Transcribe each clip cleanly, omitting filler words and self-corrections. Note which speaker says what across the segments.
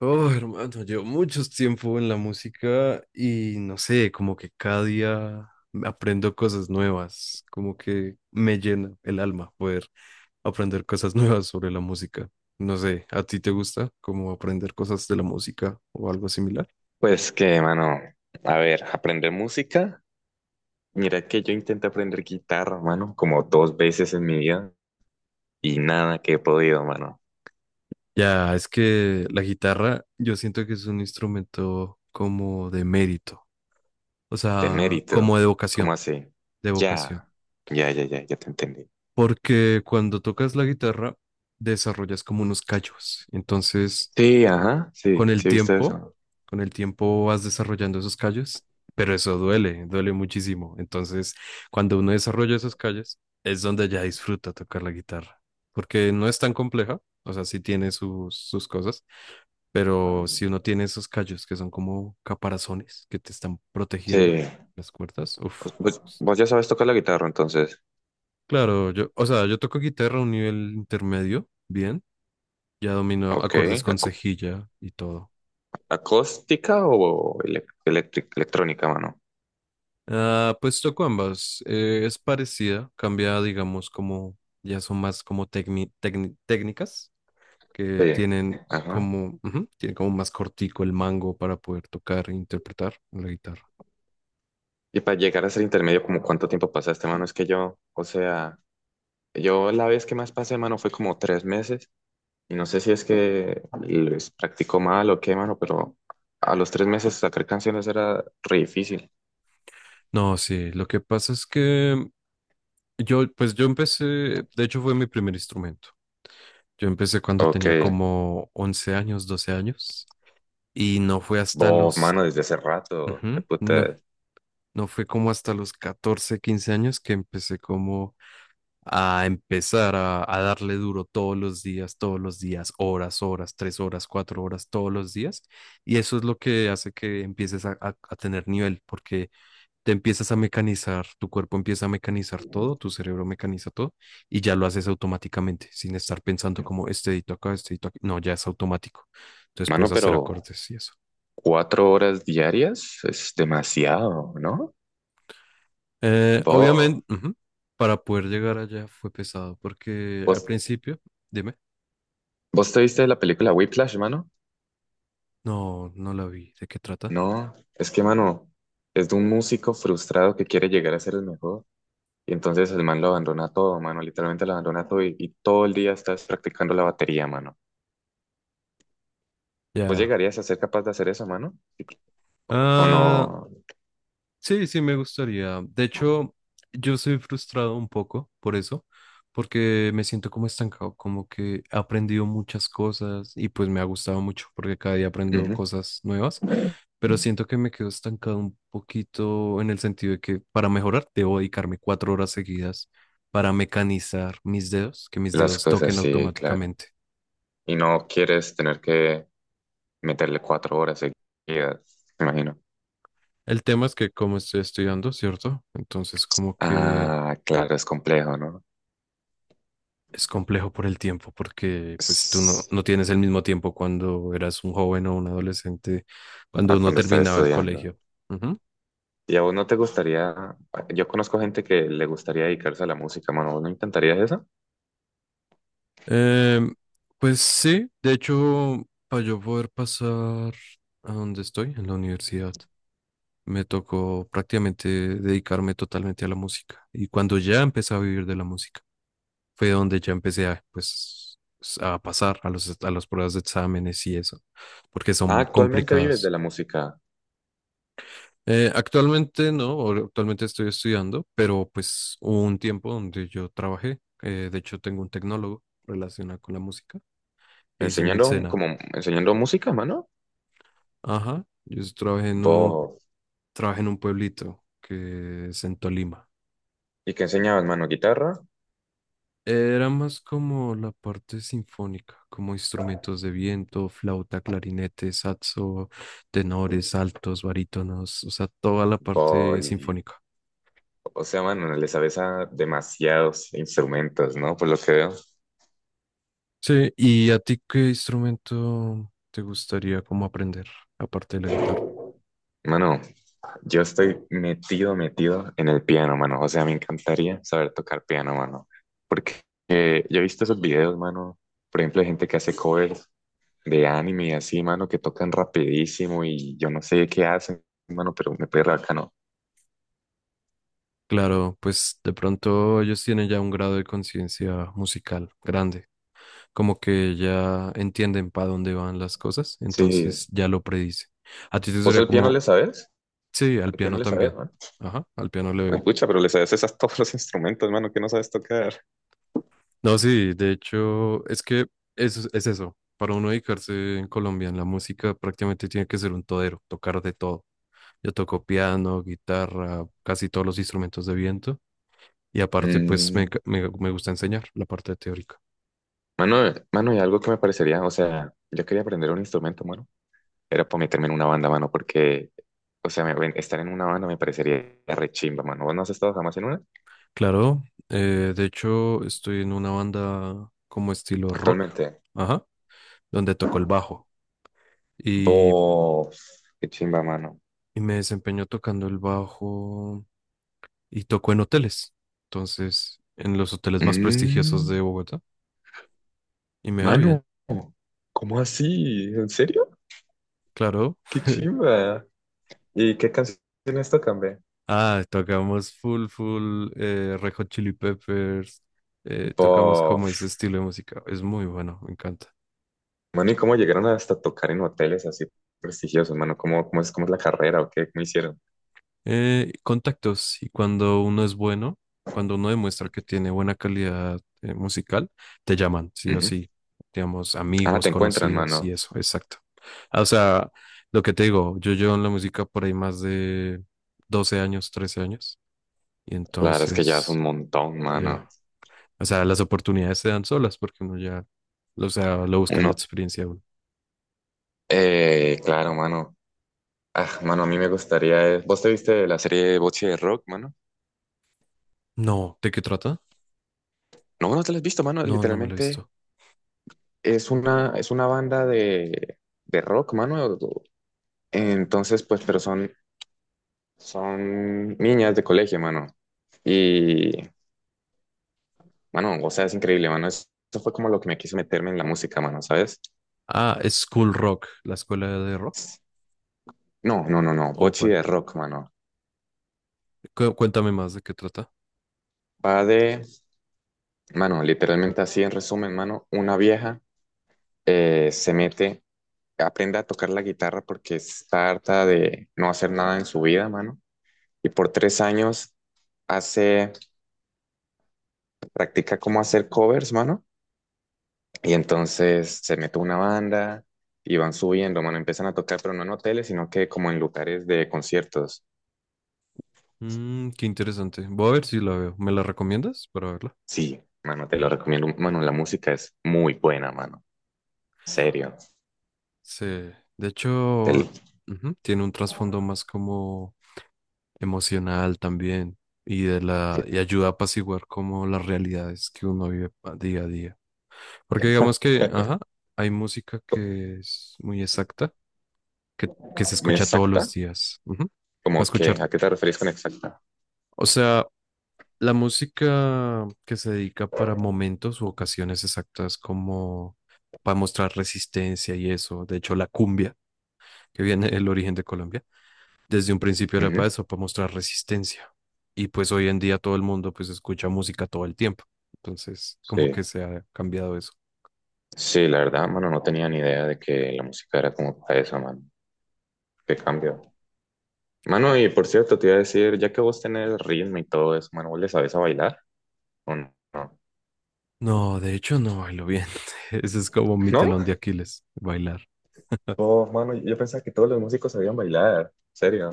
Speaker 1: Oh, hermano, llevo mucho tiempo en la música y no sé, como que cada día aprendo cosas nuevas, como que me llena el alma poder aprender cosas nuevas sobre la música. No sé, ¿a ti te gusta como aprender cosas de la música o algo similar?
Speaker 2: Pues que, mano, a ver, aprender música. Mira que yo intenté aprender guitarra, mano, como dos veces en mi vida y nada que he podido, mano.
Speaker 1: Ya, es que la guitarra yo siento que es un instrumento como de mérito, o
Speaker 2: De
Speaker 1: sea, como
Speaker 2: mérito.
Speaker 1: de vocación,
Speaker 2: ¿Cómo así?
Speaker 1: de vocación.
Speaker 2: Ya, ya, ya, ya, ya te entendí.
Speaker 1: Porque cuando tocas la guitarra, desarrollas como unos callos. Entonces,
Speaker 2: Sí, ajá,
Speaker 1: con
Speaker 2: sí,
Speaker 1: el
Speaker 2: sí, viste
Speaker 1: tiempo,
Speaker 2: eso.
Speaker 1: con el tiempo vas desarrollando esos callos, pero eso duele, duele muchísimo. Entonces, cuando uno desarrolla esos callos, es donde ya disfruta tocar la guitarra. Porque no es tan compleja, o sea, sí tiene sus cosas, pero si uno tiene esos callos que son como caparazones que te están
Speaker 2: Sí.
Speaker 1: protegiendo las cuerdas, uff.
Speaker 2: Pues, vos ya sabes tocar la guitarra, entonces.
Speaker 1: Claro, yo, o sea, yo toco guitarra a un nivel intermedio, bien. Ya domino
Speaker 2: Ok.
Speaker 1: acordes con
Speaker 2: acú-
Speaker 1: cejilla y todo.
Speaker 2: ¿Acústica o electrónica, mano?
Speaker 1: Ah, pues toco ambas. Es parecida, cambia, digamos, como ya son más como técnicas que
Speaker 2: Sí.
Speaker 1: tienen
Speaker 2: Ajá.
Speaker 1: como, tiene como más cortico el mango para poder tocar e interpretar la guitarra.
Speaker 2: Y para llegar a ser intermedio, ¿como cuánto tiempo pasaste, mano? Es que yo, o sea. Yo la vez que más pasé, mano, fue como 3 meses. Y no sé si es que les practicó mal o qué, mano, pero a los 3 meses sacar canciones era re difícil.
Speaker 1: No, sí, lo que pasa es que yo, pues yo empecé, de hecho fue mi primer instrumento. Yo empecé cuando
Speaker 2: Ok,
Speaker 1: tenía como 11 años, 12 años, y no fue hasta
Speaker 2: vos,
Speaker 1: los,
Speaker 2: mano, desde hace rato, qué
Speaker 1: no,
Speaker 2: puta.
Speaker 1: no fue como hasta los 14, 15 años, que empecé como a empezar a darle duro todos los días, horas, horas, 3 horas, 4 horas, todos los días. Y eso es lo que hace que empieces a tener nivel, porque te empiezas a mecanizar, tu cuerpo empieza a mecanizar todo, tu cerebro mecaniza todo y ya lo haces automáticamente, sin estar pensando como este dedito acá, este dedito aquí. No, ya es automático. Entonces
Speaker 2: Mano,
Speaker 1: puedes hacer
Speaker 2: pero
Speaker 1: acordes y eso.
Speaker 2: 4 horas diarias es demasiado, ¿no?
Speaker 1: Obviamente,
Speaker 2: Vos,
Speaker 1: para poder llegar allá fue pesado, porque al
Speaker 2: vos,
Speaker 1: principio, dime,
Speaker 2: vos te viste la película Whiplash, mano?
Speaker 1: no, no la vi, ¿de qué trata?
Speaker 2: No, es que, mano, es de un músico frustrado que quiere llegar a ser el mejor. Y entonces el man lo abandona todo, mano, literalmente lo abandona todo y todo el día estás practicando la batería, mano. ¿Pues
Speaker 1: Ya.
Speaker 2: llegarías a ser capaz de hacer eso, mano? Sí, ¿o
Speaker 1: Ah,
Speaker 2: no?
Speaker 1: sí, sí, me gustaría. De hecho, yo soy frustrado un poco por eso, porque me siento como estancado, como que he aprendido muchas cosas y pues me ha gustado mucho porque cada día aprendo
Speaker 2: Ujú.
Speaker 1: cosas nuevas, pero siento que me quedo estancado un poquito en el sentido de que para mejorar debo dedicarme 4 horas seguidas para mecanizar mis dedos, que mis
Speaker 2: Las
Speaker 1: dedos
Speaker 2: cosas,
Speaker 1: toquen
Speaker 2: sí, claro.
Speaker 1: automáticamente.
Speaker 2: Y no quieres tener que meterle 4 horas seguidas, me imagino.
Speaker 1: El tema es que como estoy estudiando, ¿cierto? Entonces como que
Speaker 2: Ah, claro, es complejo, ¿no?
Speaker 1: es complejo por el tiempo, porque pues tú no,
Speaker 2: Es-
Speaker 1: no tienes el mismo tiempo cuando eras un joven o un adolescente,
Speaker 2: A
Speaker 1: cuando uno
Speaker 2: cuando estás
Speaker 1: terminaba el
Speaker 2: estudiando.
Speaker 1: colegio. Ujú.
Speaker 2: ¿Y a vos no te gustaría? Yo conozco gente que le gustaría dedicarse a la música, mano. ¿Vos no intentarías eso?
Speaker 1: Em, pues sí, de hecho, para yo poder pasar a donde estoy, en la universidad, me tocó prácticamente dedicarme totalmente a la música. Y cuando ya empecé a vivir de la música, fue donde ya empecé a, pues, a pasar a los, a las pruebas de exámenes y eso, porque
Speaker 2: Ah,
Speaker 1: son
Speaker 2: actualmente vives de
Speaker 1: complicadas.
Speaker 2: la música.
Speaker 1: Actualmente no, actualmente estoy estudiando, pero pues hubo un tiempo donde yo trabajé. De hecho, tengo un tecnólogo relacionado con la música que hice en el
Speaker 2: Enseñando,
Speaker 1: SENA.
Speaker 2: como, enseñando música, mano.
Speaker 1: Ajá, yo
Speaker 2: Vos.
Speaker 1: trabajé en un pueblito que es en Tolima.
Speaker 2: ¿Y qué enseñabas, mano? ¿Guitarra?
Speaker 1: Era más como la parte sinfónica, como instrumentos de viento, flauta, clarinete, saxo, tenores, altos, barítonos, o sea, toda la
Speaker 2: Vos.
Speaker 1: parte sinfónica.
Speaker 2: O sea, mano, le sabes a demasiados instrumentos, ¿no? Por lo que veo.
Speaker 1: Sí, ¿y a ti qué instrumento te gustaría como aprender, aparte de la guitarra?
Speaker 2: Mano, yo estoy metido, metido en el piano, mano. O sea, me encantaría saber tocar piano, mano. Porque yo he visto esos videos, mano. Por ejemplo, de gente que hace covers de anime y así, mano, que tocan rapidísimo y yo no sé qué hacen, mano, pero me parece bacano.
Speaker 1: Claro, pues de pronto ellos tienen ya un grado de conciencia musical grande, como que ya entienden para dónde van las cosas,
Speaker 2: Sí.
Speaker 1: entonces ya lo predicen. A ti te
Speaker 2: ¿Vos
Speaker 1: sería
Speaker 2: al piano le
Speaker 1: como,
Speaker 2: sabes?
Speaker 1: sí, al
Speaker 2: Al piano
Speaker 1: piano
Speaker 2: le sabes.
Speaker 1: también. Ajá, al piano le
Speaker 2: Pues
Speaker 1: doy.
Speaker 2: pucha, pero le sabes esas a todos los instrumentos, mano, que no sabes tocar.
Speaker 1: No, sí, de hecho, es que eso es eso. Para uno dedicarse en Colombia en la música prácticamente tiene que ser un todero, tocar de todo. Yo toco piano, guitarra, casi todos los instrumentos de viento. Y aparte, pues me,
Speaker 2: Mm,
Speaker 1: me gusta enseñar la parte teórica.
Speaker 2: mano, y algo que me parecería, o sea, yo quería aprender un instrumento, mano, era para meterme en una banda, mano, porque, o sea, estar en una banda me parecería re chimba, mano. ¿Vos no has estado jamás en una?
Speaker 1: Claro, de hecho, estoy en una banda como estilo rock,
Speaker 2: Actualmente.
Speaker 1: ajá, donde toco el bajo. Y,
Speaker 2: Vos, qué chimba, mano.
Speaker 1: y me desempeño tocando el bajo y toco en hoteles. Entonces, en los hoteles más prestigiosos
Speaker 2: Mm,
Speaker 1: de Bogotá. Y me va bien.
Speaker 2: mano, ¿cómo así? ¿En serio?
Speaker 1: Claro,
Speaker 2: Qué chimba. ¿Y qué canciones tocan, ve?
Speaker 1: Tocamos full, full, Red Hot Chili Peppers, tocamos como ese estilo de música. Es muy bueno, me encanta.
Speaker 2: Mano, ¿y cómo llegaron hasta tocar en hoteles así prestigiosos, mano? ¿Cómo es la carrera o qué? ¿Cómo hicieron?
Speaker 1: Contactos, y cuando uno es bueno, cuando uno demuestra que tiene buena calidad, musical, te llaman, sí o
Speaker 2: Ujú.
Speaker 1: sí, digamos,
Speaker 2: Ah,
Speaker 1: amigos,
Speaker 2: te encuentran,
Speaker 1: conocidos y
Speaker 2: mano.
Speaker 1: eso, exacto. O sea, lo que te digo, yo llevo en la música por ahí más de 12 años, 13 años, y
Speaker 2: Claro, es que ya es
Speaker 1: entonces,
Speaker 2: un montón, mano.
Speaker 1: ya. O sea, las oportunidades se dan solas porque uno ya, o sea, lo busca en la
Speaker 2: Uno,
Speaker 1: experiencia de uno.
Speaker 2: claro, mano. Ah, mano, a mí me gustaría. ¿Vos te viste la serie Bocce de Rock, mano?
Speaker 1: No, ¿de qué trata?
Speaker 2: No, no te la has visto, mano.
Speaker 1: No, no me lo he
Speaker 2: Literalmente
Speaker 1: visto.
Speaker 2: es una banda de rock, mano. Entonces, pues, pero son niñas de colegio, mano. Y mano, o sea, es increíble, mano. Eso fue como lo que me quiso meterme en la música, mano, ¿sabes?
Speaker 1: Ah, es School Rock, la escuela de rock,
Speaker 2: No, no, no, no.
Speaker 1: ¿o
Speaker 2: Bochi
Speaker 1: cuál?
Speaker 2: de rock, mano.
Speaker 1: Cuéntame más de qué trata.
Speaker 2: Va de, mano, literalmente así en resumen, mano, una vieja se mete, aprende a tocar la guitarra porque está harta de no hacer nada en su vida, mano. Y por 3 años hace, practica cómo hacer covers, mano. Y entonces se mete una banda y van subiendo, mano. Empiezan a tocar, pero no en hoteles, sino que como en lugares de conciertos.
Speaker 1: Mm, qué interesante. Voy a ver si la veo. ¿Me la recomiendas para verla?
Speaker 2: Sí, mano, te lo recomiendo. Mano, la música es muy buena, mano. Serio.
Speaker 1: Sí, de
Speaker 2: Te-
Speaker 1: hecho, ujú, tiene un trasfondo más como emocional también y de la y ayuda a apaciguar como las realidades que uno vive día a día. Porque digamos que, ajá, hay música que es muy exacta, que se
Speaker 2: muy
Speaker 1: escucha todos
Speaker 2: exacta.
Speaker 1: los días. Va a
Speaker 2: Como
Speaker 1: escuchar,
Speaker 2: que, ¿a qué te referís con exacta?
Speaker 1: o sea, la música que se dedica para momentos u ocasiones exactas como para mostrar resistencia y eso. De hecho, la cumbia, que viene del origen de Colombia desde un principio era
Speaker 2: Ujú.
Speaker 1: para eso, para mostrar resistencia. Y pues hoy en día todo el mundo pues escucha música todo el tiempo. Entonces, como
Speaker 2: Sí.
Speaker 1: que se ha cambiado eso.
Speaker 2: Sí, la verdad, mano, no tenía ni idea de que la música era como para eso, mano. Qué cambio. Mano, y por cierto, te iba a decir, ya que vos tenés ritmo y todo eso, mano, ¿vos le sabés a bailar? ¿O no?
Speaker 1: No, de hecho no bailo bien. Ese es como mi
Speaker 2: ¿No?
Speaker 1: telón de Aquiles, bailar.
Speaker 2: Oh, mano, yo pensaba que todos los músicos sabían bailar. ¿Serio?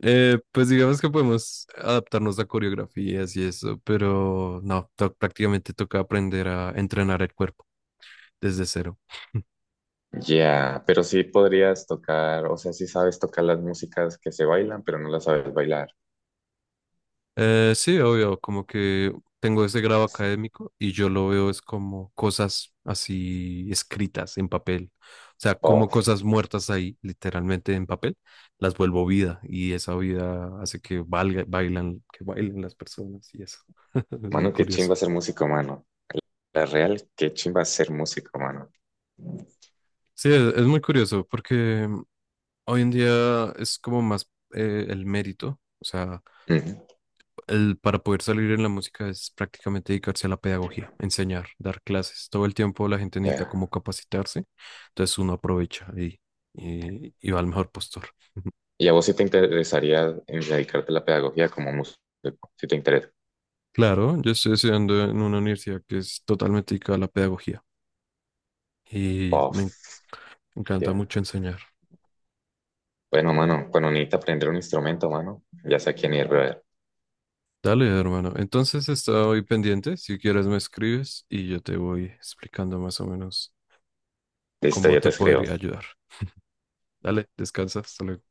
Speaker 1: Pues digamos que podemos adaptarnos a coreografías y eso, pero no, prácticamente toca aprender a entrenar el cuerpo desde cero.
Speaker 2: Ya, pero sí podrías tocar, o sea, sí sabes tocar las músicas que se bailan, pero no las sabes bailar.
Speaker 1: Sí, obvio, como que tengo ese grado académico y yo lo veo es como cosas así escritas en papel, o sea, como
Speaker 2: Oh,
Speaker 1: cosas muertas ahí, literalmente en papel, las vuelvo vida y esa vida hace que valga, bailan, que bailen las personas y eso. Es muy
Speaker 2: mano, qué
Speaker 1: curioso.
Speaker 2: chimba ser músico, mano. La real, qué chimba ser músico, mano.
Speaker 1: Sí, es muy curioso porque hoy en día es como más el mérito, o sea,
Speaker 2: Ujú,
Speaker 1: para poder salir en la música es prácticamente dedicarse a la pedagogía, enseñar, dar clases. Todo el tiempo la gente necesita como
Speaker 2: ya.
Speaker 1: capacitarse, entonces uno aprovecha y va al mejor postor.
Speaker 2: ¿Y a vos si te interesaría en dedicarte a la pedagogía como músico? Si te interesa.
Speaker 1: Claro, yo estoy estudiando en una universidad que es totalmente dedicada a la pedagogía y
Speaker 2: Oh,
Speaker 1: me encanta
Speaker 2: ya.
Speaker 1: mucho enseñar.
Speaker 2: Bueno, mano, cuando necesitas aprender un instrumento, mano, ya sé a quién ir, brother.
Speaker 1: Dale, hermano. Entonces estoy pendiente. Si quieres me escribes y yo te voy explicando más o menos
Speaker 2: Listo,
Speaker 1: cómo
Speaker 2: ya te
Speaker 1: te
Speaker 2: escribo.
Speaker 1: podría ayudar. Dale, descansa. Hasta luego.